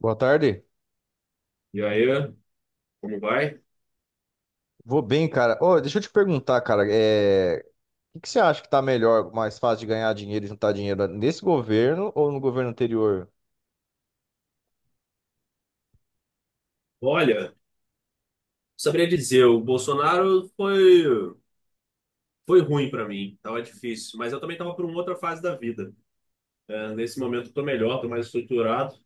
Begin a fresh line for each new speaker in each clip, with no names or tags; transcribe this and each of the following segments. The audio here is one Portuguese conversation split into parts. Boa tarde.
E aí, como vai?
Vou bem, cara. Ô, deixa eu te perguntar, cara, o que que você acha que tá melhor, mais fácil de ganhar dinheiro e juntar dinheiro nesse governo ou no governo anterior?
Olha, saberia dizer, o Bolsonaro foi ruim para mim, tava difícil, mas eu também tava por uma outra fase da vida. Nesse momento eu tô melhor, tô mais estruturado,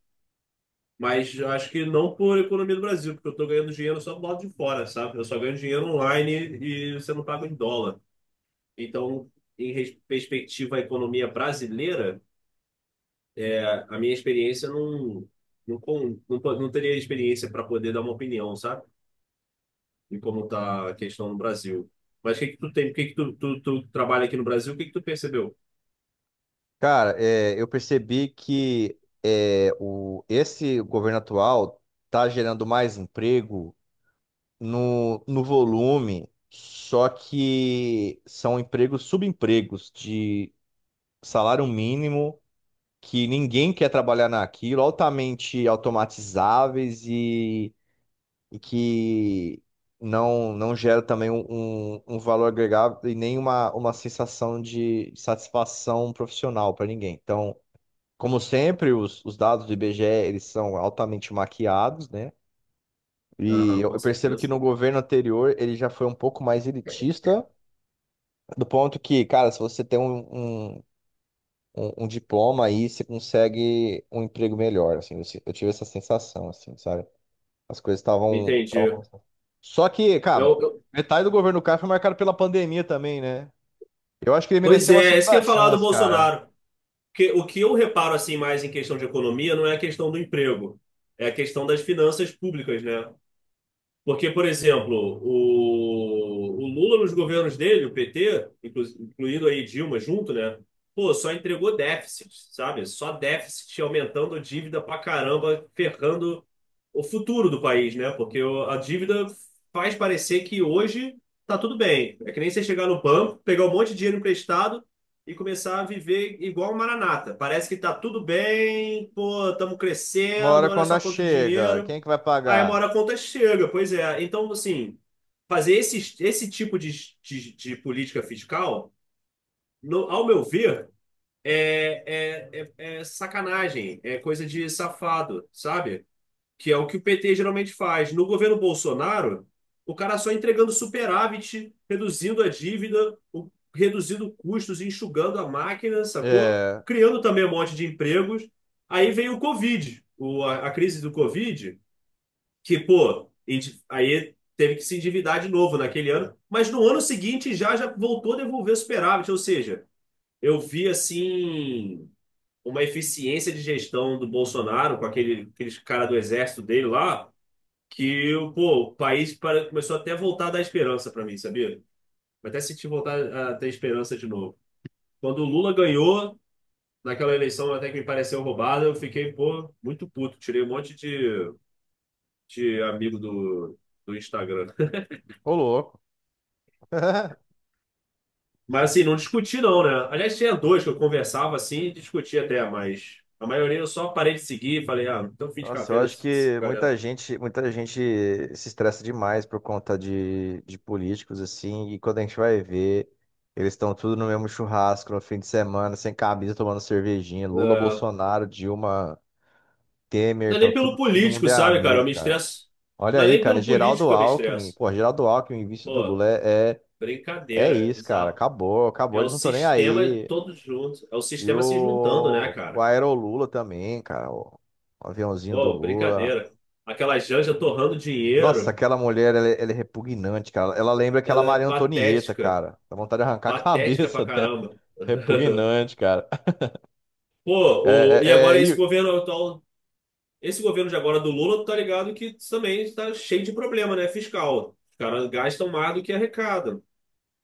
mas eu acho que não por economia do Brasil, porque eu tô ganhando dinheiro só do lado de fora, sabe? Eu só ganho dinheiro online e você não paga em dólar. Então, perspectiva à economia brasileira, é, a minha experiência não teria experiência para poder dar uma opinião, sabe? E como está a questão no Brasil. Mas o que que tu tem, o que que tu trabalha aqui no Brasil, o que que tu percebeu?
Cara, eu percebi que esse governo atual tá gerando mais emprego no volume, só que são subempregos de salário mínimo, que ninguém quer trabalhar naquilo, altamente automatizáveis e que não gera também um valor agregado e nem uma sensação de satisfação profissional para ninguém. Então, como sempre, os dados do IBGE eles são altamente maquiados, né? E
Aham,
eu
com
eu percebo que
certeza.
no governo anterior ele já foi um pouco mais elitista, do ponto que, cara, se você tem um, um diploma aí, você consegue um emprego melhor, assim, eu, se- eu tive essa sensação, assim, sabe? As coisas estavam.
Entendi.
Só que, cara,
Eu, eu-
metade do governo do Castro foi marcado pela pandemia também, né? Eu acho que ele
pois
merecia uma
é, é isso que eu
segunda
ia falar do
chance, cara.
Bolsonaro. Que, o que eu reparo assim mais em questão de economia não é a questão do emprego, é a questão das finanças públicas, né? Porque, por exemplo, o Lula nos governos dele, o PT, incluindo aí Dilma junto, né? Pô, só entregou déficit, sabe? Só déficit aumentando a dívida pra caramba, ferrando o futuro do país, né? Porque a dívida faz parecer que hoje tá tudo bem. É que nem você chegar no banco, pegar um monte de dinheiro emprestado e começar a viver igual um maranata. Parece que tá tudo bem, pô, estamos
Uma
crescendo,
hora
olha
quando ela
só quanto
chega,
dinheiro.
quem é que vai
Aí uma
pagar?
hora a conta chega, pois é. Então, assim, fazer esse tipo de política fiscal, ao meu ver, é sacanagem, é coisa de safado, sabe? Que é o que o PT geralmente faz. No governo Bolsonaro, o cara só entregando superávit, reduzindo a dívida, reduzindo custos, enxugando a máquina, sacou?
É,
Criando também um monte de empregos. Aí veio o Covid, a crise do Covid que, pô, aí teve que se endividar de novo naquele ano, mas no ano seguinte já voltou a devolver superávit, ou seja, eu vi assim uma eficiência de gestão do Bolsonaro com aqueles cara do exército dele lá, que pô, o começou até a voltar a dar esperança para mim, sabia? Eu até senti voltar a ter esperança de novo. Quando o Lula ganhou naquela eleição até que me pareceu roubada, eu fiquei, pô, muito puto. Tirei um monte de amigo do Instagram.
ô louco.
Mas assim, não discuti não, né? Aliás, tinha dois que eu conversava assim e discutia até, mas a maioria eu só parei de seguir e falei, ah, então fim de
Nossa, eu
carreira,
acho
esse
que
galera.
muita gente se estressa demais por conta de políticos, assim, e quando a gente vai ver, eles estão tudo no mesmo churrasco no fim de semana, sem camisa, tomando cervejinha. Lula,
É,
Bolsonaro, Dilma, Temer,
não é
então
nem pelo
todo mundo
político,
é
sabe, cara?
amigo,
Eu me
cara.
estresso.
Olha
Não é
aí,
nem
cara,
pelo político
Geraldo
que eu me
Alckmin,
estresso.
pô, Geraldo Alckmin, vice do
Pô,
Lula, é
brincadeira, é
isso, cara,
bizarro. É
acabou,
o
eles não estão nem
sistema
aí.
todos juntos. É o
E
sistema se juntando, né,
o
cara?
Aero Lula também, cara, o aviãozinho do
Pô,
Lula.
brincadeira. Aquela Janja torrando
Nossa,
dinheiro,
aquela mulher, ela é repugnante, cara, ela lembra aquela
ela é
Maria Antonieta,
patética.
cara, dá vontade de arrancar a
Patética pra
cabeça dela.
caramba.
Repugnante, cara.
Pô, e
É, é, é,
agora esse
e
governo atual. Esse governo de agora do Lula, tu tá ligado que também está cheio de problema, né? Fiscal. Os caras gastam mais do que arrecadam.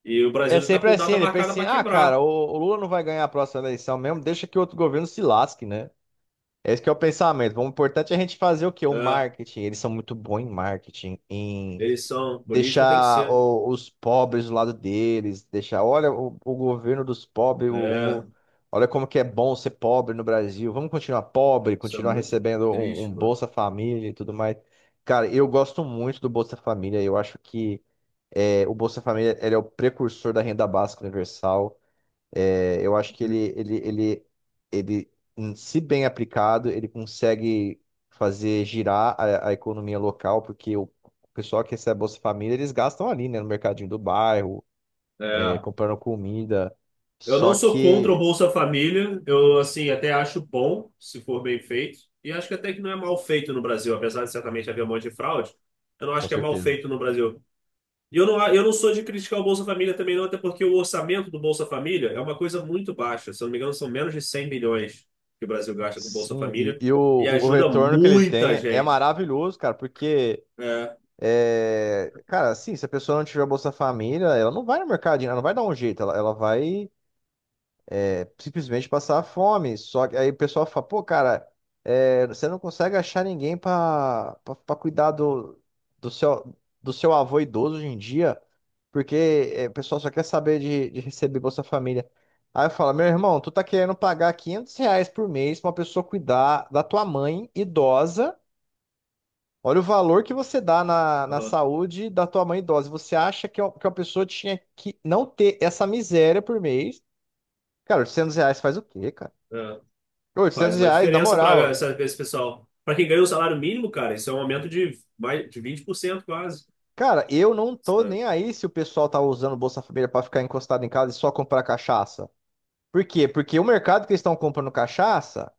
E o
é
Brasil já tá
sempre
com
assim,
data
ele pensa
marcada
assim,
para
ah, cara,
quebrar.
o Lula não vai ganhar a próxima eleição mesmo, deixa que outro governo se lasque, né? Esse que é o pensamento. O importante é a gente fazer o quê? O
É,
marketing. Eles são muito bons em marketing, em
eleição política tem que
deixar
ser.
os pobres do lado deles, deixar, olha, o governo dos pobres,
É,
olha como que é bom ser pobre no Brasil. Vamos continuar pobre,
isso é
continuar
muito
recebendo um
triste, mano.
Bolsa Família e tudo mais. Cara, eu gosto muito do Bolsa Família. Eu acho que o Bolsa Família ele é o precursor da renda básica universal. É, eu acho que ele, se bem aplicado, ele consegue fazer girar a economia local, porque o pessoal que recebe a Bolsa Família, eles gastam ali, né, no mercadinho do bairro, é,
É,
comprando comida.
eu
Só
não sou contra o
que,
Bolsa Família. Eu, assim, até acho bom, se for bem feito. E acho que até que não é mal feito no Brasil, apesar de certamente haver um monte de fraude. Eu não
com
acho que é mal
certeza.
feito no Brasil. E eu não sou de criticar o Bolsa Família também, não, até porque o orçamento do Bolsa Família é uma coisa muito baixa. Se eu não me engano, são menos de 100 bilhões que o Brasil gasta com o Bolsa
Sim, e,
Família
e o,
e
o
ajuda
retorno que ele
muita
tem é
gente.
maravilhoso, cara, porque,
É,
é, cara, assim, se a pessoa não tiver Bolsa Família, ela não vai no mercadinho, ela não vai dar um jeito, ela vai. Simplesmente passar fome. Só que aí o pessoal fala, pô, cara, é, você não consegue achar ninguém pra cuidar do seu, do seu avô idoso hoje em dia, porque é, o pessoal só quer saber de receber Bolsa Família. Aí eu falo, meu irmão, tu tá querendo pagar 500 reais por mês pra uma pessoa cuidar da tua mãe idosa. Olha o valor que você dá na
aham,
saúde da tua mãe idosa. Você acha que uma pessoa tinha que não ter essa miséria por mês? Cara, 800 reais faz o quê, cara?
é. Faz
oitocentos
uma
reais, na
diferença para
moral.
esse pessoal. Para quem ganha o salário mínimo, cara, isso é um aumento de, mais, de 20% quase.
Cara, eu não tô
Sabe?
nem aí se o pessoal tá usando o Bolsa Família pra ficar encostado em casa e só comprar cachaça. Por quê? Porque o mercado que eles estão comprando cachaça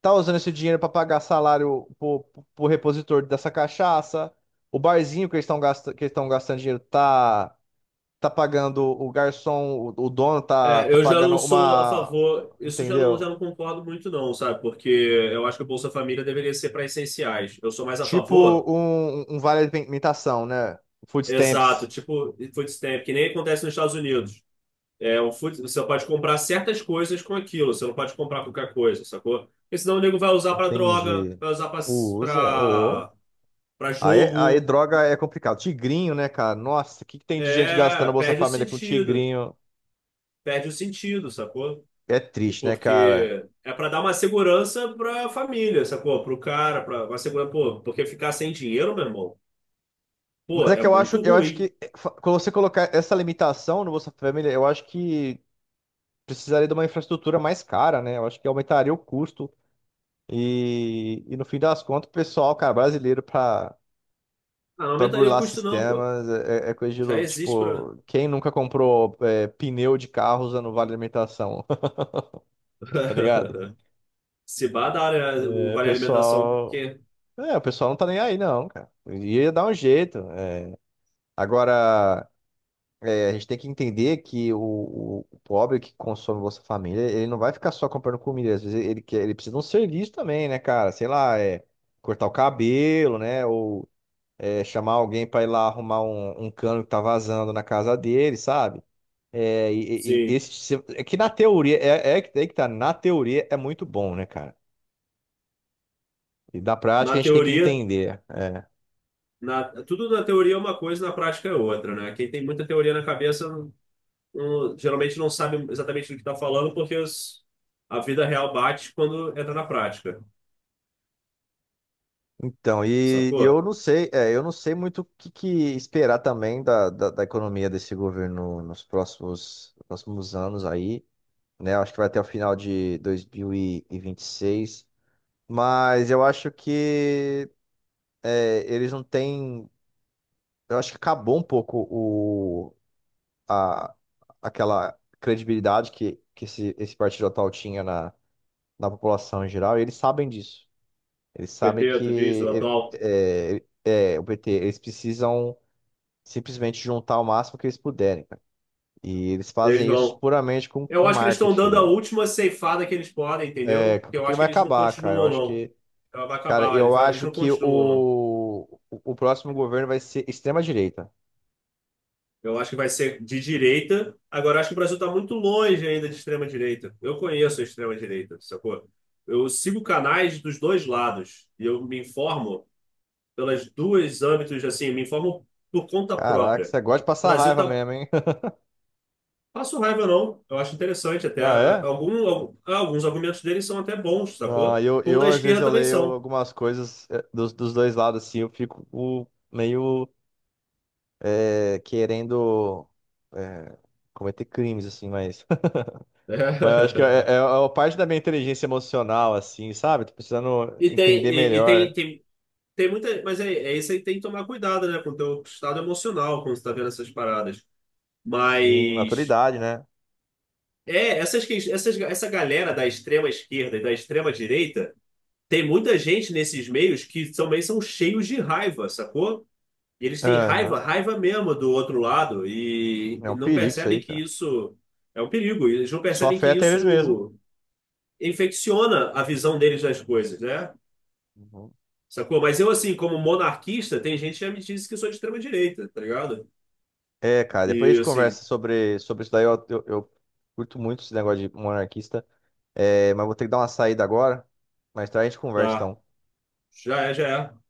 tá usando esse dinheiro pra pagar salário pro, pro repositor dessa cachaça. O barzinho que eles estão gastando, que eles estão gastando dinheiro tá pagando o garçom, o dono tá
É,
tá
eu já
pagando
não sou a
uma,
favor, isso já não, já
entendeu?
não concordo muito, não, sabe? Porque eu acho que o Bolsa Família deveria ser para essenciais. Eu sou mais a
Tipo
favor.
um vale alimentação, né? Food
Exato,
stamps.
tipo food stamp, que nem acontece nos Estados Unidos. É, o food, você pode comprar certas coisas com aquilo, você não pode comprar qualquer coisa, sacou? Porque senão o nego vai usar pra droga,
Entendi.
vai usar
Usa, ô.
pra- pra
Aí
jogo.
droga é complicado. Tigrinho, né, cara? Nossa, o que que tem de gente
É,
gastando Bolsa
perde o
Família com
sentido.
tigrinho?
Perde o sentido, sacou?
É triste, né, cara?
Porque é pra dar uma segurança pra família, sacou? Pro cara, pra uma segurança, pô, porque ficar sem dinheiro, meu irmão,
Mas
pô,
é
é
que
muito
eu acho
ruim.
que quando você colocar essa limitação no Bolsa Família, eu acho que precisaria de uma infraestrutura mais cara, né? Eu acho que aumentaria o custo e no fim das contas, o pessoal, cara, brasileiro
Ah, não
pra
aumentaria o
burlar
custo, não, pô.
sistemas é coisa de
Já
louco.
existe pra.
Tipo, quem nunca comprou pneu de carro usando vale alimentação, tá ligado?
Se vá da área, o
É,
vale alimentação,
pessoal.
porque,
É, o pessoal não tá nem aí, não, cara. Ia dar um jeito. É. Agora, é, a gente tem que entender que o pobre que consome Bolsa Família, ele não vai ficar só comprando comida. Às vezes ele precisa de um serviço também, né, cara? Sei lá, é, cortar o cabelo, né? Ou é, chamar alguém pra ir lá arrumar um cano que tá vazando na casa dele, sabe? É, e
sim,
esse, é que na teoria, é que tá, na teoria é muito bom, né, cara? E da prática
na
a gente tem que
teoria,
entender. É.
na, tudo na teoria é uma coisa, na prática é outra, né? Quem tem muita teoria na cabeça, geralmente não sabe exatamente do que está falando, porque a vida real bate quando entra na prática,
Então, e eu
sacou?
não sei, é, eu não sei muito o que esperar também da economia desse governo nos próximos anos aí, né? Eu acho que vai até o final de 2026, mas eu acho que é, eles não têm, eu acho que acabou um pouco a, aquela credibilidade que esse partido atual tinha na população em geral, e eles sabem disso. Eles sabem
PT, tu diz, o
que
atual,
é, o PT, eles precisam simplesmente juntar o máximo que eles puderem, cara. E eles
eles
fazem isso
vão.
puramente
Eu
com
acho que eles estão
marketing,
dando a
entendeu?
última ceifada que eles podem,
É,
entendeu? Que eu
porque
acho
vai
que eles não
acabar, cara.
continuam, não. Ela vai acabar,
Eu
eles
acho
não
que
continuam, não.
o próximo governo vai ser extrema-direita.
Eu acho que vai ser de direita. Agora, eu acho que o Brasil está muito longe ainda de extrema-direita. Eu conheço a extrema-direita, sacou? Eu sigo canais dos dois lados e eu me informo pelas duas âmbitos, assim, me informo por conta
Caraca,
própria.
você gosta de
O
passar
Brasil
raiva
tá...
mesmo, hein?
Passo raiva, não. Eu acho interessante até.
Ah, é?
Algum, alguns argumentos deles são até bons,
Ah,
sacou? Como
eu
da
às vezes
esquerda
eu
também
leio
são.
algumas coisas dos dois lados, assim, eu fico meio é, querendo é, cometer crimes, assim, mas. Mas eu acho que é uma parte da minha inteligência emocional, assim, sabe? Tô precisando entender
E tem,
melhor.
tem, tem muita. Mas é, é isso aí, tem que tomar cuidado, né? Com o teu estado emocional quando você tá vendo essas paradas.
Sim,
Mas
maturidade, né?
é, essa galera da extrema esquerda e da extrema direita, tem muita gente nesses meios que também são cheios de raiva, sacou? E eles têm
Aham.
raiva mesmo do outro lado e,
É
e
um
não
perigo isso
percebem
aí,
que
cara.
isso é um perigo. E eles não
Só
percebem que
afeta eles mesmo.
isso infecciona a visão deles das coisas, né?
Uhum.
Sacou? Mas eu, assim, como monarquista, tem gente que já me disse que eu sou de extrema direita, tá ligado?
É, cara, depois a
E
gente
assim,
conversa sobre isso daí. Eu curto muito esse negócio de monarquista, é, mas vou ter que dar uma saída agora. Mais tarde a gente conversa,
tá,
então.
já é.